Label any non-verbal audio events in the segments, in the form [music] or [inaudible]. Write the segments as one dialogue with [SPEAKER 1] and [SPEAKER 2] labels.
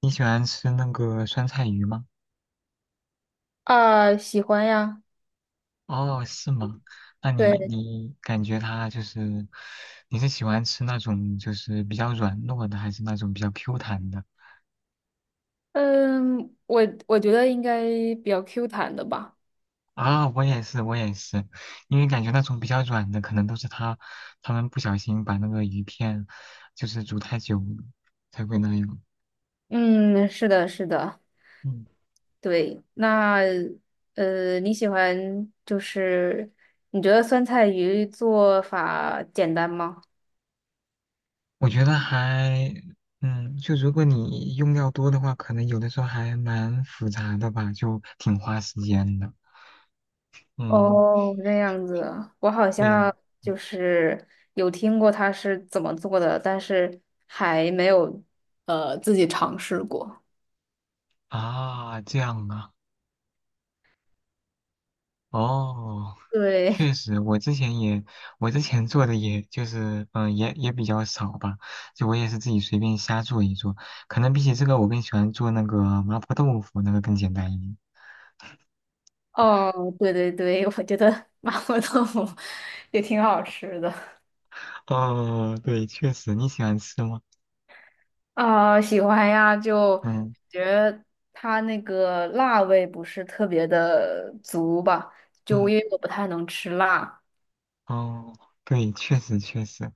[SPEAKER 1] 你喜欢吃那个酸菜鱼吗？
[SPEAKER 2] 啊，喜欢呀。
[SPEAKER 1] 哦，是吗？那你
[SPEAKER 2] 对。
[SPEAKER 1] 你感觉它就是，你是喜欢吃那种就是比较软糯的，还是那种比较 Q 弹的？
[SPEAKER 2] 嗯，我我觉得应该比较 Q 弹的吧。
[SPEAKER 1] 啊，我也是，我也是，因为感觉那种比较软的，可能都是它他们不小心把那个鱼片就是煮太久了才会那样。
[SPEAKER 2] 嗯，是的，是的。
[SPEAKER 1] 嗯，
[SPEAKER 2] 对。那你喜欢就是你觉得酸菜鱼做法简单吗？
[SPEAKER 1] 我觉得还，就如果你用料多的话，可能有的时候还蛮复杂的吧，就挺花时间的。嗯。
[SPEAKER 2] 哦，这样子。我好
[SPEAKER 1] 对呀、
[SPEAKER 2] 像就是有听过它是怎么做的，但是还没有自己尝试过。
[SPEAKER 1] 啊，这样啊，哦，
[SPEAKER 2] 对。
[SPEAKER 1] 确
[SPEAKER 2] [laughs]
[SPEAKER 1] 实，我之前也，我之前做的也就是，也比较少吧，就我也是自己随便瞎做一做，可能比起这个，我更喜欢做那个麻婆豆腐，那个更简单一点。
[SPEAKER 2] 哦，对对对，我觉得麻婆豆腐 [laughs] 也挺好吃的。
[SPEAKER 1] 哦，对，确实，你喜欢吃吗？
[SPEAKER 2] 啊，喜欢呀，就
[SPEAKER 1] 嗯
[SPEAKER 2] 觉得它那个辣味不是特别的足吧，就
[SPEAKER 1] 嗯，
[SPEAKER 2] 因为我不太能吃辣。
[SPEAKER 1] 哦，对，确实，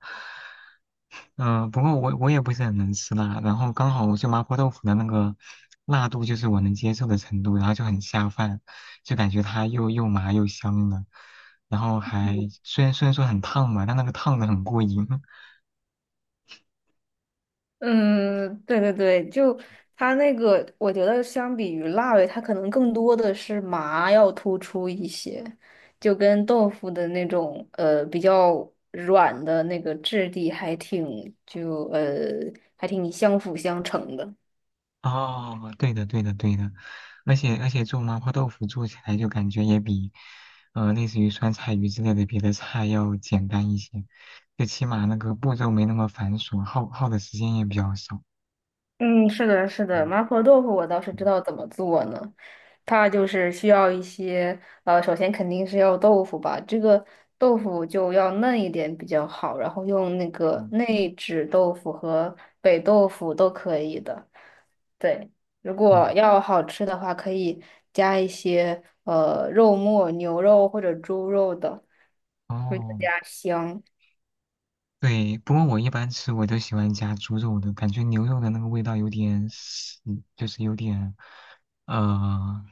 [SPEAKER 1] 嗯、不过我也不是很能吃辣，然后刚好就麻婆豆腐的那个辣度就是我能接受的程度，然后就很下饭，就感觉它又麻又香的，然后还虽然说很烫吧，但那个烫的很过瘾。[laughs]
[SPEAKER 2] 嗯，对对对，就它那个，我觉得相比于辣味，它可能更多的是麻要突出一些，就跟豆腐的那种比较软的那个质地还挺还挺相辅相成的。
[SPEAKER 1] 哦，对的对的对的，而且做麻婆豆腐做起来就感觉也比，类似于酸菜鱼之类的别的菜要简单一些，最起码那个步骤没那么繁琐，耗的时间也比较少。
[SPEAKER 2] 嗯，是的，是的。麻婆豆腐我倒是知
[SPEAKER 1] 嗯
[SPEAKER 2] 道怎么做呢。它就是需要一些，首先肯定是要豆腐吧，这个豆腐就要嫩一点比较好，然后用那个
[SPEAKER 1] 嗯
[SPEAKER 2] 内酯豆腐和北豆腐都可以的。对。如
[SPEAKER 1] 嗯。
[SPEAKER 2] 果
[SPEAKER 1] 嗯
[SPEAKER 2] 要好吃的话，可以加一些肉末、牛肉或者猪肉的，会更
[SPEAKER 1] 哦，
[SPEAKER 2] 加香。
[SPEAKER 1] 对，不过我一般吃我都喜欢加猪肉的，感觉牛肉的那个味道有点死，就是有点呃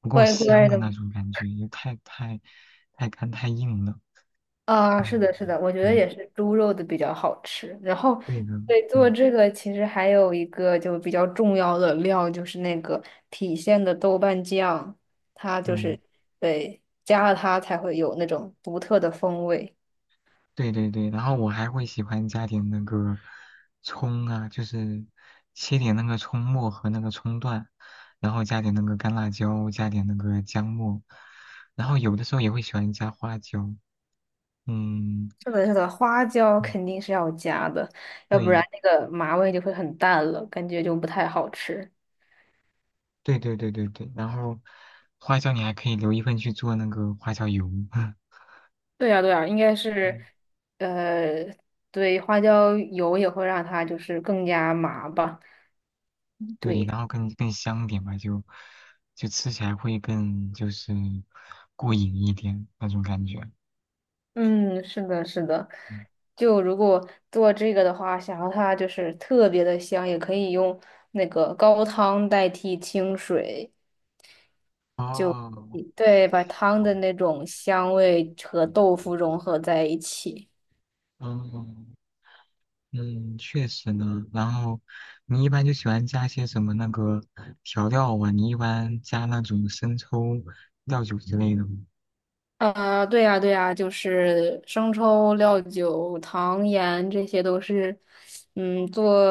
[SPEAKER 1] 不够
[SPEAKER 2] 外国
[SPEAKER 1] 香
[SPEAKER 2] 人
[SPEAKER 1] 的那
[SPEAKER 2] 的。
[SPEAKER 1] 种感觉，也太干太硬了。
[SPEAKER 2] 啊，是
[SPEAKER 1] 嗯，
[SPEAKER 2] 的，是的，我觉得
[SPEAKER 1] 对
[SPEAKER 2] 也是猪肉的比较好吃。然后，
[SPEAKER 1] 对的，
[SPEAKER 2] 对，做
[SPEAKER 1] 嗯
[SPEAKER 2] 这个其实还有一个就比较重要的料，就是那个郫县的豆瓣酱。它就
[SPEAKER 1] 嗯，
[SPEAKER 2] 是对加了它才会有那种独特的风味。
[SPEAKER 1] 对对对。然后我还会喜欢加点那个葱啊，就是切点那个葱末和那个葱段，然后加点那个干辣椒，加点那个姜末，然后有的时候也会喜欢加花椒。嗯，
[SPEAKER 2] 是的，是的，花椒
[SPEAKER 1] 嗯
[SPEAKER 2] 肯定是要加的，要不然
[SPEAKER 1] 对
[SPEAKER 2] 那个麻味就会很淡了，感觉就不太好吃。
[SPEAKER 1] 对对对对对，然后花椒你还可以留一份去做那个花椒油，[laughs]
[SPEAKER 2] 对呀，对呀，应该是，
[SPEAKER 1] 嗯，
[SPEAKER 2] 呃，对，花椒油也会让它就是更加麻吧。
[SPEAKER 1] 对，
[SPEAKER 2] 对。
[SPEAKER 1] 然后更香点吧，就就吃起来会更就是过瘾一点那种感觉。
[SPEAKER 2] 嗯，是的，是的。
[SPEAKER 1] 嗯
[SPEAKER 2] 就如果做这个的话，想要它就是特别的香，也可以用那个高汤代替清水。
[SPEAKER 1] 哦，
[SPEAKER 2] 对，把汤的那种香味和豆腐融合在一起。
[SPEAKER 1] 嗯嗯，确实呢。然后你一般就喜欢加些什么那个调料啊？你一般加那种生抽、料酒之类的吗？
[SPEAKER 2] 对呀，对呀，就是生抽、料酒、糖盐，这些都是，嗯，做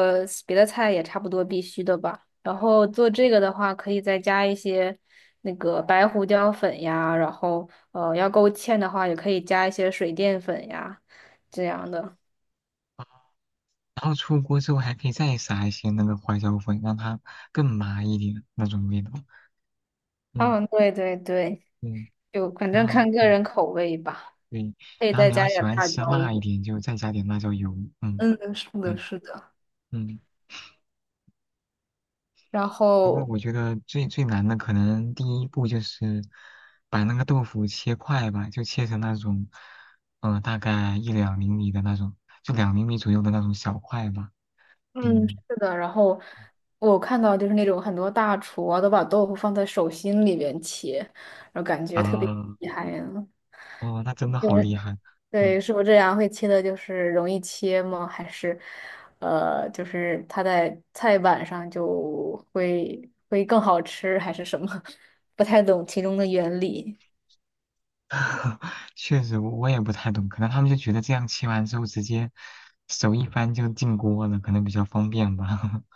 [SPEAKER 2] 别的菜也差不多必须的吧。然后做这个的话，可以再加一些那个白胡椒粉呀，然后要勾芡的话，也可以加一些水淀粉呀，这样的。
[SPEAKER 1] 然后出锅之后还可以再撒一些那个花椒粉，让它更麻一点那种味道。嗯
[SPEAKER 2] 嗯，对对对，
[SPEAKER 1] 嗯，
[SPEAKER 2] 就反
[SPEAKER 1] 然
[SPEAKER 2] 正
[SPEAKER 1] 后
[SPEAKER 2] 看个
[SPEAKER 1] 对
[SPEAKER 2] 人口味吧，
[SPEAKER 1] 对，
[SPEAKER 2] 可以
[SPEAKER 1] 然后
[SPEAKER 2] 再
[SPEAKER 1] 你要
[SPEAKER 2] 加
[SPEAKER 1] 喜
[SPEAKER 2] 点
[SPEAKER 1] 欢
[SPEAKER 2] 辣
[SPEAKER 1] 吃
[SPEAKER 2] 椒。
[SPEAKER 1] 辣一点，就再加点辣椒油。嗯
[SPEAKER 2] 嗯，是的，
[SPEAKER 1] 对
[SPEAKER 2] 是的。
[SPEAKER 1] 嗯，
[SPEAKER 2] 然
[SPEAKER 1] 不过
[SPEAKER 2] 后
[SPEAKER 1] 我觉得最难的可能第一步就是把那个豆腐切块吧，就切成那种大概一两厘米的那种，就两厘米左右的那种小块吧。
[SPEAKER 2] 嗯，是
[SPEAKER 1] 嗯
[SPEAKER 2] 的。然后我看到就是那种很多大厨啊，都把豆腐放在手心里边切，然后感觉特别
[SPEAKER 1] 啊
[SPEAKER 2] 厉害呀。
[SPEAKER 1] 哦，那真的
[SPEAKER 2] 对。
[SPEAKER 1] 好厉
[SPEAKER 2] [laughs]
[SPEAKER 1] 害。嗯。
[SPEAKER 2] 对，是不是这样会切的，就是容易切吗？还是就是它在菜板上就会会更好吃，还是什么？[laughs] 不太懂其中的原理。
[SPEAKER 1] [laughs] 确实，我也不太懂，可能他们就觉得这样切完之后直接手一翻就进锅了，可能比较方便吧。[laughs]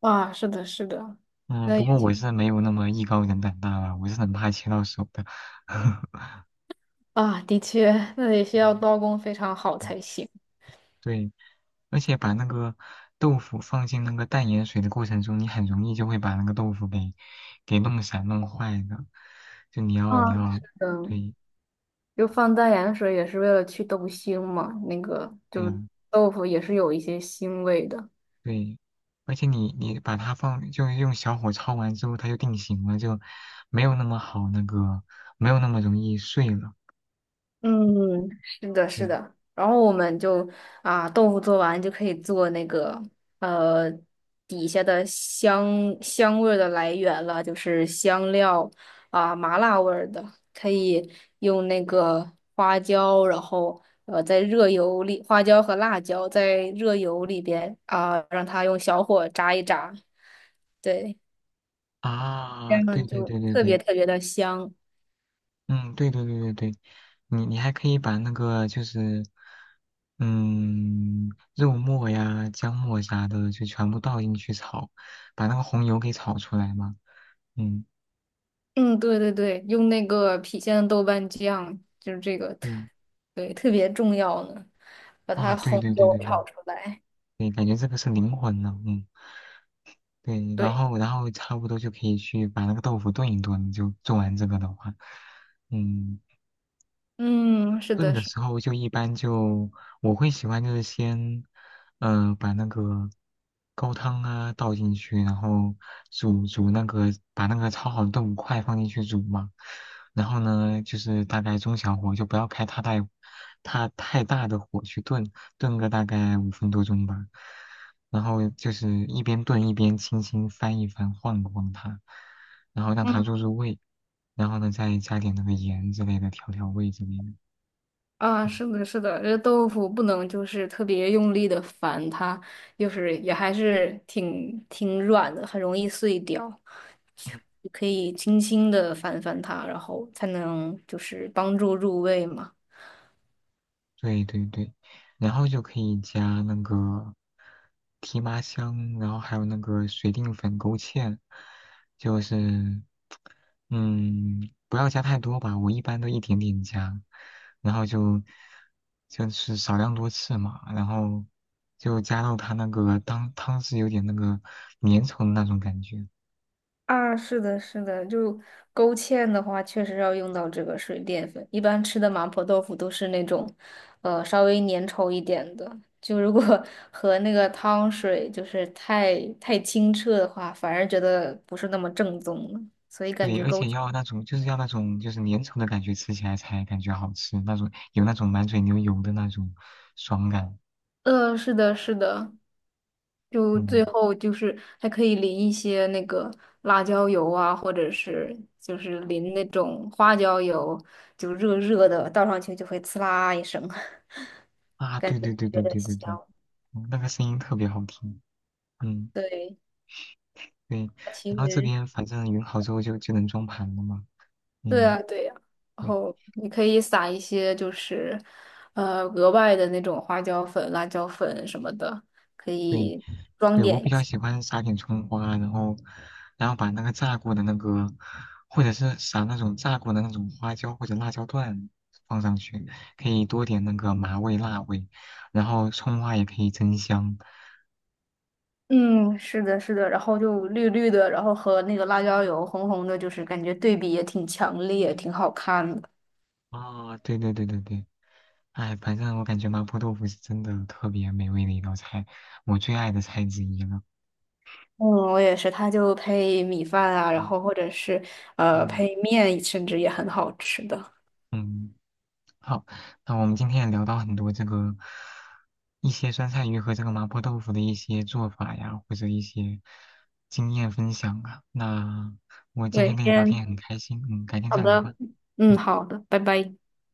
[SPEAKER 2] 啊，是的，是的，
[SPEAKER 1] 嗯，
[SPEAKER 2] 那
[SPEAKER 1] 不
[SPEAKER 2] 也
[SPEAKER 1] 过我是没有那么艺高人胆大吧，我是很怕切到手的。[laughs]
[SPEAKER 2] 啊，的确，那也需要
[SPEAKER 1] 嗯
[SPEAKER 2] 刀工非常好
[SPEAKER 1] 嗯
[SPEAKER 2] 才行。
[SPEAKER 1] 对，而且把那个豆腐放进那个淡盐水的过程中，你很容易就会把那个豆腐给弄散、弄坏的。就你要你
[SPEAKER 2] 啊，是
[SPEAKER 1] 要
[SPEAKER 2] 的。
[SPEAKER 1] 对
[SPEAKER 2] 就放淡盐水也是为了去豆腥嘛，那个
[SPEAKER 1] 对
[SPEAKER 2] 就
[SPEAKER 1] 呀、
[SPEAKER 2] 豆腐也是有一些腥味的。
[SPEAKER 1] 对，而且你把它放，就是用小火焯完之后，它就定型了，就没有那么好那个，没有那么容易碎了。
[SPEAKER 2] 嗯，是的，是
[SPEAKER 1] 对
[SPEAKER 2] 的。然后我们就啊，豆腐做完就可以做那个呃底下的香香味儿的来源了，就是香料啊，麻辣味儿的，可以用那个花椒，然后在热油里，花椒和辣椒在热油里边啊，让它用小火炸一炸。对。
[SPEAKER 1] 啊，对
[SPEAKER 2] 嗯，
[SPEAKER 1] 对
[SPEAKER 2] 就
[SPEAKER 1] 对对
[SPEAKER 2] 特别
[SPEAKER 1] 对，
[SPEAKER 2] 特别的香。
[SPEAKER 1] 嗯，对对对对对，你还可以把那个就是，嗯，肉末呀、姜末啥的就全部倒进去炒，把那个红油给炒出来嘛。嗯，
[SPEAKER 2] 嗯，对对对，用那个郫县的豆瓣酱，就是这个特，
[SPEAKER 1] 对，
[SPEAKER 2] 对，特别重要呢，把
[SPEAKER 1] 啊，
[SPEAKER 2] 它
[SPEAKER 1] 对
[SPEAKER 2] 红
[SPEAKER 1] 对对
[SPEAKER 2] 油
[SPEAKER 1] 对
[SPEAKER 2] 炒
[SPEAKER 1] 对
[SPEAKER 2] 出来。
[SPEAKER 1] 对，感觉这个是灵魂了，嗯。对，然
[SPEAKER 2] 对。
[SPEAKER 1] 后然后差不多就可以去把那个豆腐炖一炖，就做完这个的话，嗯，
[SPEAKER 2] 嗯，是
[SPEAKER 1] 炖
[SPEAKER 2] 的，
[SPEAKER 1] 的
[SPEAKER 2] 是。
[SPEAKER 1] 时候就一般就我会喜欢就是先，把那个高汤啊倒进去，然后煮煮那个把那个焯好的豆腐块放进去煮嘛，然后呢就是大概中小火，就不要开太大它太大的火去炖，炖个大概5分多钟吧，然后就是一边炖一边轻轻翻一翻晃一晃它，然后让它
[SPEAKER 2] 嗯
[SPEAKER 1] 入味，然后呢再加点那个盐之类的调味之类的。嗯
[SPEAKER 2] 啊，是的，是的，这豆腐不能就是特别用力的翻它，就是也还是挺挺软的，很容易碎掉。
[SPEAKER 1] 嗯，
[SPEAKER 2] 你可以轻轻的翻翻它，然后才能就是帮助入味嘛。
[SPEAKER 1] 对对对，然后就可以加那个提麻香，然后还有那个水淀粉、勾芡，就是，嗯，不要加太多吧，我一般都一点点加，然后就就是少量多次嘛，然后就加到它那个汤是有点那个粘稠的那种感觉，
[SPEAKER 2] 啊，是的，是的，就勾芡的话，确实要用到这个水淀粉。一般吃的麻婆豆腐都是那种，呃，稍微粘稠一点的。就如果 [laughs] 和那个汤水就是太太清澈的话，反而觉得不是那么正宗了。所以感
[SPEAKER 1] 对，
[SPEAKER 2] 觉
[SPEAKER 1] 而
[SPEAKER 2] 勾，
[SPEAKER 1] 且要那种就是要那种就是粘稠的感觉，吃起来才感觉好吃，那种有那种满嘴流油的那种爽感。
[SPEAKER 2] 呃，是的，是的，就
[SPEAKER 1] 嗯
[SPEAKER 2] 最后就是还可以淋一些那个辣椒油啊，或者是就是淋那种花椒油，就热热的，倒上去就会呲啦一声。
[SPEAKER 1] 啊，对对对
[SPEAKER 2] 觉
[SPEAKER 1] 对
[SPEAKER 2] 得
[SPEAKER 1] 对对对，
[SPEAKER 2] 香。
[SPEAKER 1] 嗯那个声音特别好听。嗯，
[SPEAKER 2] 对，
[SPEAKER 1] 对。
[SPEAKER 2] 它其
[SPEAKER 1] 然后这
[SPEAKER 2] 实
[SPEAKER 1] 边反正匀好之后就就能装盘了嘛。
[SPEAKER 2] 对
[SPEAKER 1] 嗯，
[SPEAKER 2] 啊，对呀、然
[SPEAKER 1] 对
[SPEAKER 2] 后你可以撒一些就是，呃，额外的那种花椒粉、辣椒粉什么的，可
[SPEAKER 1] 对，
[SPEAKER 2] 以装
[SPEAKER 1] 对，我
[SPEAKER 2] 点一
[SPEAKER 1] 比较
[SPEAKER 2] 下。
[SPEAKER 1] 喜欢撒点葱花，然后，然后把那个炸过的那个，或者是撒那种炸过的那种花椒或者辣椒段放上去，可以多点那个麻味、辣味，然后葱花也可以增香。
[SPEAKER 2] 嗯，是的，是的，然后就绿绿的，然后和那个辣椒油红红的，就是感觉对比也挺强烈，挺好看的。
[SPEAKER 1] 啊、对对对对对，哎，反正我感觉麻婆豆腐是真的特别美味的一道菜，我最爱的菜之一了。
[SPEAKER 2] 嗯，我也是，它就配米饭啊，然
[SPEAKER 1] 嗯
[SPEAKER 2] 后或者是
[SPEAKER 1] 嗯
[SPEAKER 2] 配面，甚至也很好吃的。
[SPEAKER 1] 嗯，好，那我们今天也聊到很多这个一些酸菜鱼和这个麻婆豆腐的一些做法呀，或者一些经验分享啊。那我今天
[SPEAKER 2] 对，
[SPEAKER 1] 跟你聊天
[SPEAKER 2] 先
[SPEAKER 1] 也很开心，嗯，改天
[SPEAKER 2] 好
[SPEAKER 1] 再聊吧，
[SPEAKER 2] 的，嗯，
[SPEAKER 1] 嗯，
[SPEAKER 2] 好的，拜拜。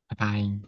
[SPEAKER 1] 拜拜。